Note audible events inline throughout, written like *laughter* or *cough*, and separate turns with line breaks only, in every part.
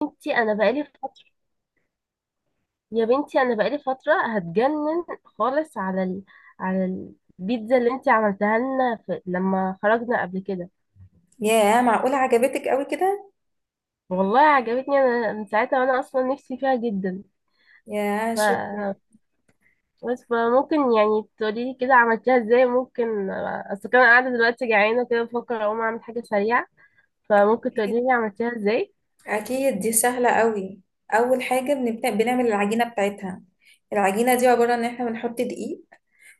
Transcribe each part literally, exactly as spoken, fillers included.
بنتي انا بقالي فتره. يا بنتي انا بقالي فتره هتجنن خالص على ال... على البيتزا اللي انتي عملتها لنا في... لما خرجنا قبل كده.
ياه، معقولة عجبتك قوي كده؟
والله عجبتني انا من ساعتها وانا اصلا نفسي فيها جدا.
ياه، شكرا.
ف بس فممكن يعني تقولي لي كده عملتيها ازاي؟ ممكن اصل كان قاعده دلوقتي جعانه كده بفكر اقوم اعمل حاجه سريعه، فممكن تقولي
أكيد.
لي عملتيها ازاي؟
أكيد دي سهلة قوي. أول حاجة بنبدأ بنعمل العجينة بتاعتها. العجينة دي عبارة إن إحنا بنحط دقيق،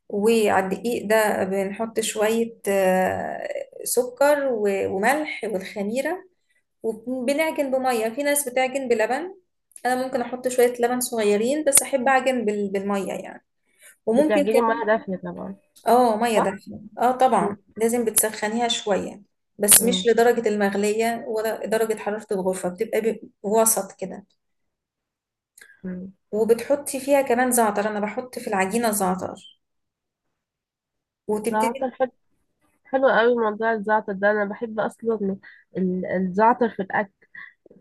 وعلى الدقيق ده بنحط شوية آه، سكر و- وملح والخميرة. وبنعجن بمية، في ناس بتعجن بلبن. أنا ممكن أحط شوية لبن صغيرين، بس أحب أعجن بال- بالمية يعني. وممكن
بتعجني
كمان.
ميه دافيه طبعا،
اه، ميه
صح؟
دافيه، اه
م-
طبعا لازم بتسخنيها شويه. بس مش
م-
لدرجه المغليه، ولا درجه حراره الغرفه، بتبقى ب- وسط كده.
م.
وبتحطي فيها كمان زعتر، انا بحط في العجينه زعتر.
ده
وتبتدي.
حلو قوي موضوع الزعتر ده، انا بحب اصلا ال- الزعتر في الاكل.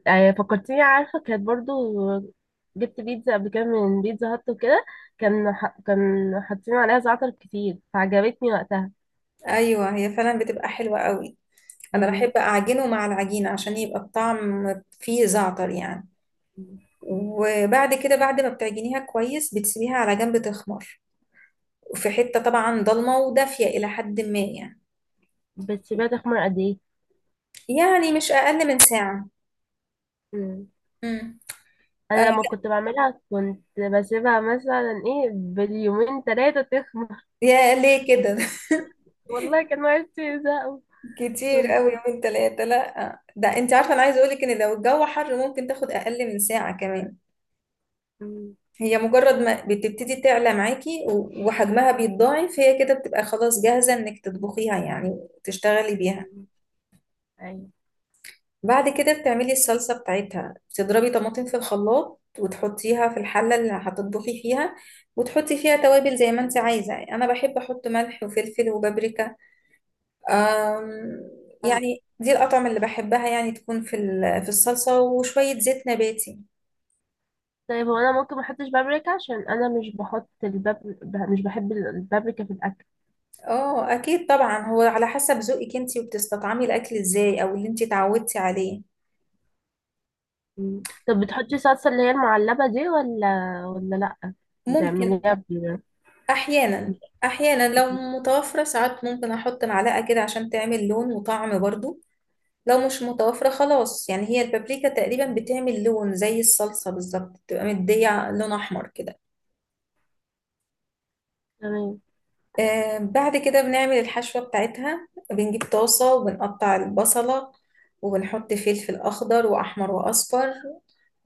آه، فكرتيني، عارفه كانت برضو جبت بيتزا قبل كده من بيتزا هات وكده، كان ح... كان حاطين عليها زعتر كتير فعجبتني وقتها.
ايوه، هي فعلا بتبقى حلوه قوي. انا
مم.
بحب اعجنه مع العجينه عشان يبقى الطعم فيه زعتر يعني. وبعد كده، بعد ما بتعجنيها كويس، بتسيبيها على جنب تخمر، في حته طبعا ضلمه ودافيه الى حد ما يعني.
بتسيبها تخمر قد ايه؟
يعني مش اقل من ساعه.
مم.
مم. آه،
انا لما كنت بعملها كنت بسيبها مثلا ايه باليومين ثلاثه تخمر.
يا ليه كده؟ *laughs*
*laughs* والله كان وقتي زهق.
كتير
كنت
قوي يومين ثلاثة. لا، ده انت عارفة انا عايزة اقولك ان لو الجو حر ممكن تاخد اقل من ساعة كمان.
مم.
هي مجرد ما بتبتدي تعلى معاكي و- وحجمها بيتضاعف، هي كده بتبقى خلاص جاهزة انك تطبخيها، يعني تشتغلي بيها.
مم. أيوة.
بعد كده بتعملي الصلصة بتاعتها، بتضربي طماطم في الخلاط وتحطيها في الحلة اللي هتطبخي فيها. وتحطي فيها توابل زي ما انت عايزة. انا بحب احط ملح وفلفل وبابريكا. أم، يعني دي الأطعمة اللي بحبها، يعني تكون في ال- في الصلصة، وشوية زيت نباتي.
طيب هو انا ممكن ما احطش بابريكا؟ عشان انا مش بحط الباب ب- مش بحب البابريكا في الاكل.
اه، أكيد طبعا، هو على حسب ذوقك انتي وبتستطعمي الأكل ازاي، أو اللي انتي اتعودتي عليه.
مم. طب بتحطي صلصه اللي هي المعلبه دي ولا ولا لا؟
ممكن.
بتعمليها ب-
أحيانا. أحيانا لو متوفرة ساعات ممكن أحط معلقة كده عشان تعمل لون وطعم برضو. لو مش متوفرة خلاص، يعني هي البابريكا تقريبا بتعمل لون زي الصلصة بالظبط، بتبقى مدية لون أحمر كده.
تمام.
آه، بعد كده بنعمل الحشوة بتاعتها، بنجيب طاسة وبنقطع البصلة. وبنحط فلفل أخضر وأحمر وأصفر.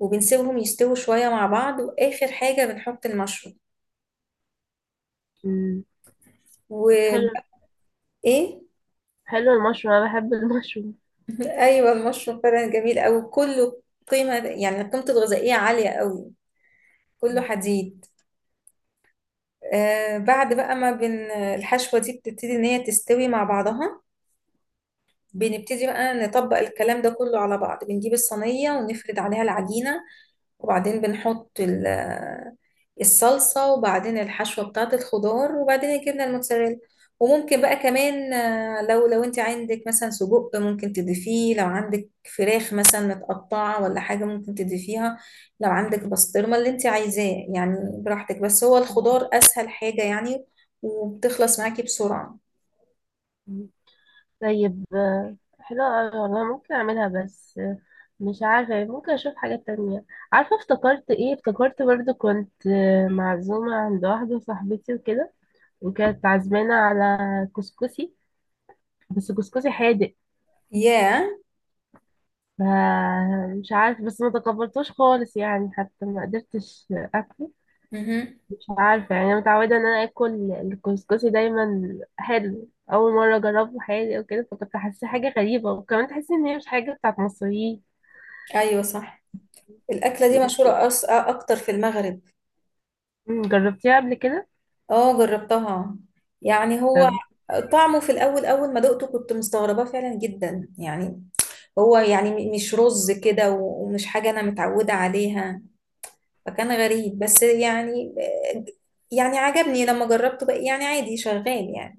وبنسيبهم يستووا شوية مع بعض، وآخر حاجة بنحط المشروم.
مم.
وإيه؟
حلو. حلو المشروم، انا بحب المشروم.
أيوة، المشروم فعلا جميل أوي كله. قيمة، يعني قيمته الغذائية عالية أوي. كله حديد. آه بعد بقى ما بن الحشوة دي بتبتدي إن هي تستوي مع بعضها. بنبتدي بقى نطبق الكلام ده كله على بعض، بنجيب الصينية ونفرد عليها العجينة. وبعدين بنحط ال- الصلصة، وبعدين الحشوة بتاعة الخضار، وبعدين الجبنة الموتزاريلا. وممكن بقى كمان، آه، لو لو انت عندك مثلا سجق ممكن تضيفيه، لو عندك فراخ مثلا متقطعة ولا حاجة ممكن تضيفيها، لو عندك بسطرمة، اللي انت عايزاه يعني. براحتك، بس هو الخضار أسهل حاجة يعني. وبتخلص معاكي بسرعة.
مم. طيب آه، حلو أوي والله، ممكن اعملها. بس آه، مش عارفه، ممكن اشوف حاجه تانية. عارفه افتكرت ايه؟ افتكرت برضو كنت آه، معزومه عند واحده صاحبتي وكده، وكانت عازمانه على كسكسي بس جوزجوزي حادق.
ياه.
ف- مش عارف، بس ما تقبلتوش خالص يعني، حتى ما قدرتش اكله.
Yeah.
مش عارفه يعني، انا متعوده ان انا اكل الكسكسي دايما حلو. اول مره اجربه حادق وكده، فكنت حاسه حاجه غريبه، وكمان تحسي ان هي مش حاجه بتاعت مصريين.
ايوه، صح. الأكلة دي
م-
مشهورة أص... أكتر في المغرب.
جربتيها قبل كده؟
اه، جربتها. يعني هو،
طب.
طعمه في الاول اول ما دقته كنت مستغرباه فعلا جدا يعني. هو يعني م- مش رز كده، و- ومش حاجه انا متعوده عليها. فكان غريب بس يعني. يعني عجبني لما جربته بقى، يعني عادي شغال يعني.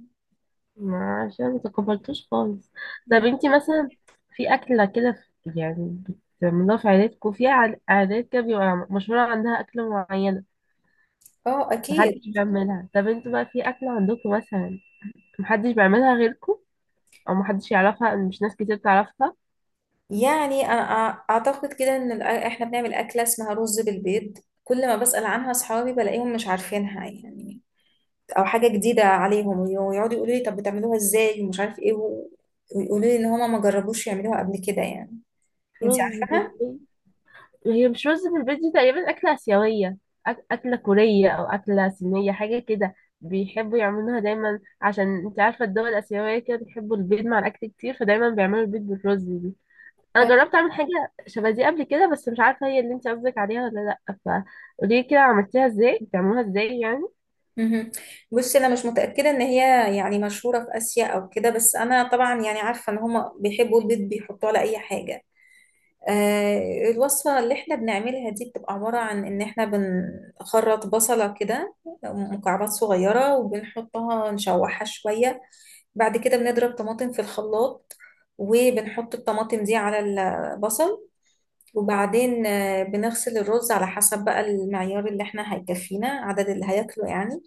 ما عشان ما تقبلتوش خالص. طب
مم.
انتي مثلا في اكله كده في- يعني بتعملوها في عيلتكم، في عاد- عادات كده بيبقى مشهوره عندها اكله معينه
اه، اكيد.
محدش بيعملها؟ طب انتوا بقى في أكلة عندكم مثلا محدش بيعملها غيركم، أو محدش يعرفها، أو مش ناس كتير تعرفها؟
يعني أنا أع- اعتقد كده ان الأ- احنا بنعمل اكله اسمها رز بالبيض. كل ما بسأل عنها اصحابي بلاقيهم مش عارفينها يعني، او حاجه جديده عليهم، ويقعدوا يقولوا لي طب بتعملوها ازاي ومش عارف ايه و- ويقولوا لي ان هما ما جربوش يعملوها قبل كده يعني. انت
رز
عارفاها؟
بالبيت؟ هي مش رز بالبيت دي تقريبا أكلة آسيوية، أك... أكلة كورية أو أكلة صينية حاجة كده. بيحبوا يعملوها دايما عشان انت عارفة الدول الآسيوية كده بيحبوا البيض مع الأكل كتير، فدايما بيعملوا البيض بالرز دي. أنا
أيوة.
جربت أعمل حاجة شبه دي قبل كده، بس مش عارفة هي اللي انت قصدك عليها ولا لأ. فقولي كده عملتيها ازاي، بتعملوها ازاي يعني؟
مهم. بصي، انا مش متاكده ان هي يعني مشهوره في اسيا او كده، بس انا طبعا يعني عارفه ان هما بيحبوا البيض بيحطوه على اي حاجه. آه الوصفه اللي احنا بنعملها دي بتبقى عباره عن ان احنا بنخرط بصله كده، مكعبات صغيره، وبنحطها نشوحها شويه. بعد كده بنضرب طماطم في الخلاط، وبنحط الطماطم دي على البصل. وبعدين آه، بنغسل الرز على حسب بقى المعيار اللي احنا هيكفينا عدد اللي هياكله يعني.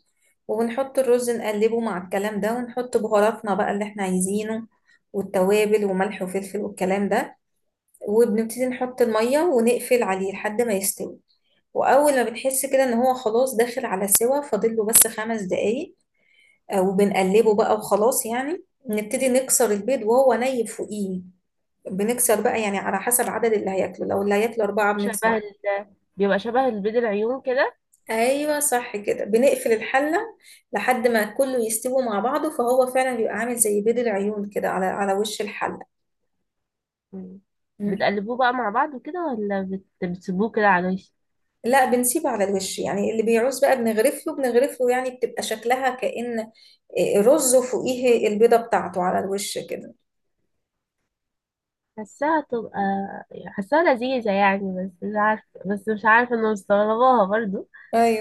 وبنحط الرز نقلبه مع الكلام ده، ونحط بهاراتنا بقى اللي احنا عايزينه، والتوابل وملح وفلفل والكلام ده. وبنبتدي نحط المية ونقفل عليه لحد ما يستوي. وأول ما بنحس كده إن هو خلاص داخل على سوا، فاضل له بس خمس دقايق. آه، وبنقلبه بقى، وخلاص يعني نبتدي نكسر البيض وهو ني فوقيه. بنكسر بقى يعني على حسب عدد اللي هياكله، لو اللي هياكله أربعة
شبه
بنكسر.
ال... بيبقى شبه البيض العيون كده؟
أيوة صح، كده بنقفل الحلة لحد ما كله يستوي مع بعضه، فهو فعلا بيبقى عامل زي بيض العيون كده على على وش الحلة.
مم.
مم.
بتقلبوه بقى مع بعض وكده ولا بت... بتسيبوه كده على الوش؟
لا، بنسيبه على الوش. يعني اللي بيعوز بقى بنغرف له بنغرف له، يعني بتبقى شكلها كأن، آه، رز وفوقيه البيضة بتاعته على الوش كده.
حاساها تبقى يعني حاساها لذيذة يعني، بس مش عارفة، بس مش عارفة انه مستغرباها برضو.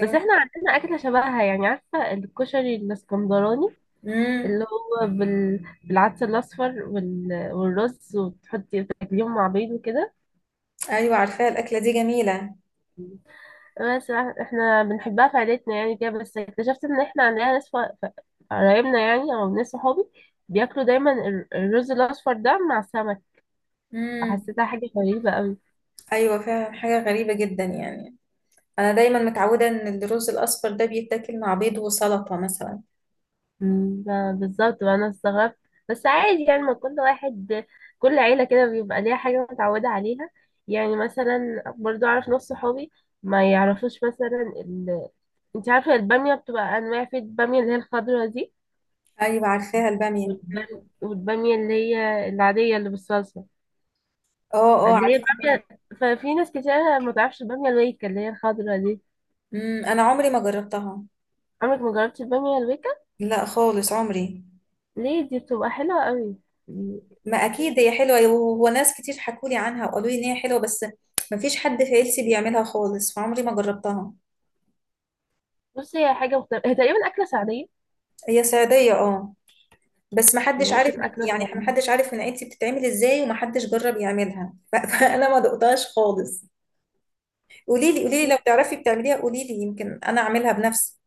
بس احنا عندنا أكلة شبهها، يعني عارفة الكشري الاسكندراني
امم.
اللي هو بال... بالعدس الأصفر وال... والرز، وتحطي تاكليهم مع بيض وكده.
ايوه، عارفاها. الاكله دي جميله.
بس إح- احنا بنحبها في عيلتنا يعني كده، بس اكتشفت ان احنا عندنا ناس ف- ف- قرايبنا يعني او ناس صحابي بياكلوا دايما ال- الرز الاصفر ده مع السمك.
مم.
فحسيتها حاجه غريبه قوي.
ايوه، فعلا حاجه غريبه جدا يعني. انا دايما متعوده ان الرز الاصفر ده بيتاكل مع بيض وسلطه مثلا.
مم، ب- بالظبط بقى انا استغربت. بس عادي يعني، ما كل واحد، كل عيله كده بيبقى ليها حاجه متعوده عليها. يعني مثلا برضو اعرف ناس صحابي ما يعرفوش مثلا ال... انت عارفه الباميه بتبقى انواع؟ في الباميه اللي هي الخضرا دي،
ايوه، عارفاها الباميه.
والبام- والباميه اللي هي العاديه اللي بالصلصه
اه. اه،
اللي هي
عارفاها.
البامية. ففي ناس كتير ما تعرفش البامية الويكة اللي هي الخضرا دي.
امم، انا عمري ما جربتها.
عمرك ما جربتي البامية الويكة؟
لا خالص، عمري.
ليه؟ دي بتبقى حلوة قوي.
ما اكيد هي حلوه، و- وناس كتير حكوا لي عنها وقالوا لي ان هي حلوه، بس ما فيش حد في عيلتي بيعملها خالص فعمري ما جربتها.
بصي هي حاجة مختلفة، هي تقريبا أكلة سعودية.
هي صعيديه، اه. بس ما
هي
حدش عارف.
ممكن أكلة
يعني ما
سعودية.
حدش عارف من عيلتي بتتعمل ازاي، وما حدش جرب يعملها *laughs* ف- فانا ما دقتهاش خالص. قولي لي، قولي لي لو تعرفي بتعمليها. قولي لي يمكن انا اعملها بنفسي.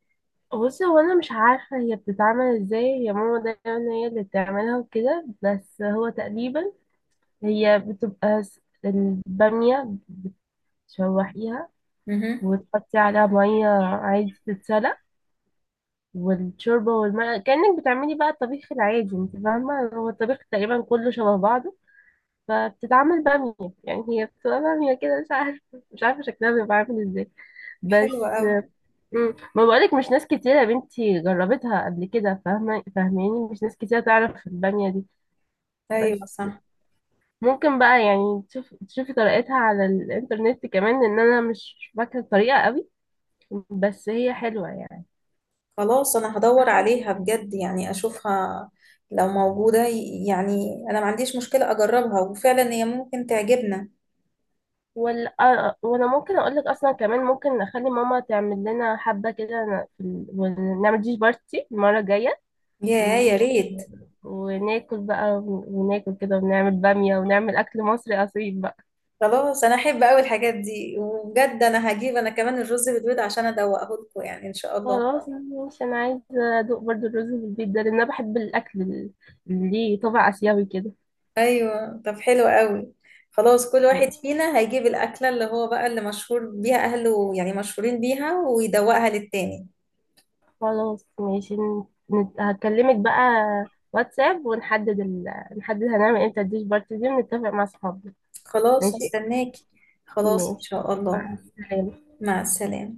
بصي هو أنا مش عارفة هي بتتعمل ازاي، هي ماما دايما هي اللي بتعملها وكده، بس هو تقريبا هي بتبقى س- البامية بتشوحيها
امم.
وتحطي عليها مية عادي تتسلق، والشوربة والماء كأنك بتعملي بقى الطبيخ العادي، انت فاهمة هو الطبيخ تقريبا كله شبه بعضه، فبتتعمل بامية. يعني هي بتبقى بامية كده، مش عارفة، مش عارفة شكلها بيبقى عامل ازاي
حلوة
بس.
قوي.
مم. ما بقولك مش ناس كتيرة يا بنتي جربتها قبل كده، فاهمة فاهماني؟ مش ناس كتيرة تعرف البامية دي.
ايوه،
بس
صح.
ممكن بقى يعني تشوف، تشوفي طريقتها على الإنترنت كمان، لأن أنا مش فاكرة الطريقة قوي، بس هي حلوة
خلاص، انا هدور
يعني.
عليها بجد يعني اشوفها. لو موجودة ي- يعني انا ما عنديش مشكلة اجربها، وفعلا هي ممكن تعجبنا.
وال... آه، آه، وانا ممكن اقول لك اصلا كمان ممكن نخلي ماما تعمل لنا حبه كده ن- في ال... ونعمل ديش بارتي المره الجايه،
يا
و...
يا ريت.
وناكل بقى، وناكل كده ونعمل باميه ونعمل اكل مصري اصيل بقى.
خلاص، انا احب قوي الحاجات دي، وبجد انا هجيب انا كمان الرز بالبيض عشان ادوقه لكم يعني، ان شاء الله.
خلاص ماشي، انا عايزه ادوق برضو الرز بالبيت ده، لان انا بحب الاكل ال- اللي ليه طابع اسيوي كده.
ايوه، طب حلو قوي. خلاص، كل واحد
ماشي،
فينا هيجيب الاكله اللي هو بقى اللي مشهور بيها اهله، يعني مشهورين بيها، ويدوقها للتاني.
خلاص ماشي، ن- نت- هكلمك بقى واتساب ونحدد ال... نحدد هنعمل امتى الديش بارتي دي ونتفق مع اصحابنا.
خلاص،
ماشي.
هستناكي. خلاص، ان
ماشي،
شاء
مع
الله.
السلامة.
مع السلامه.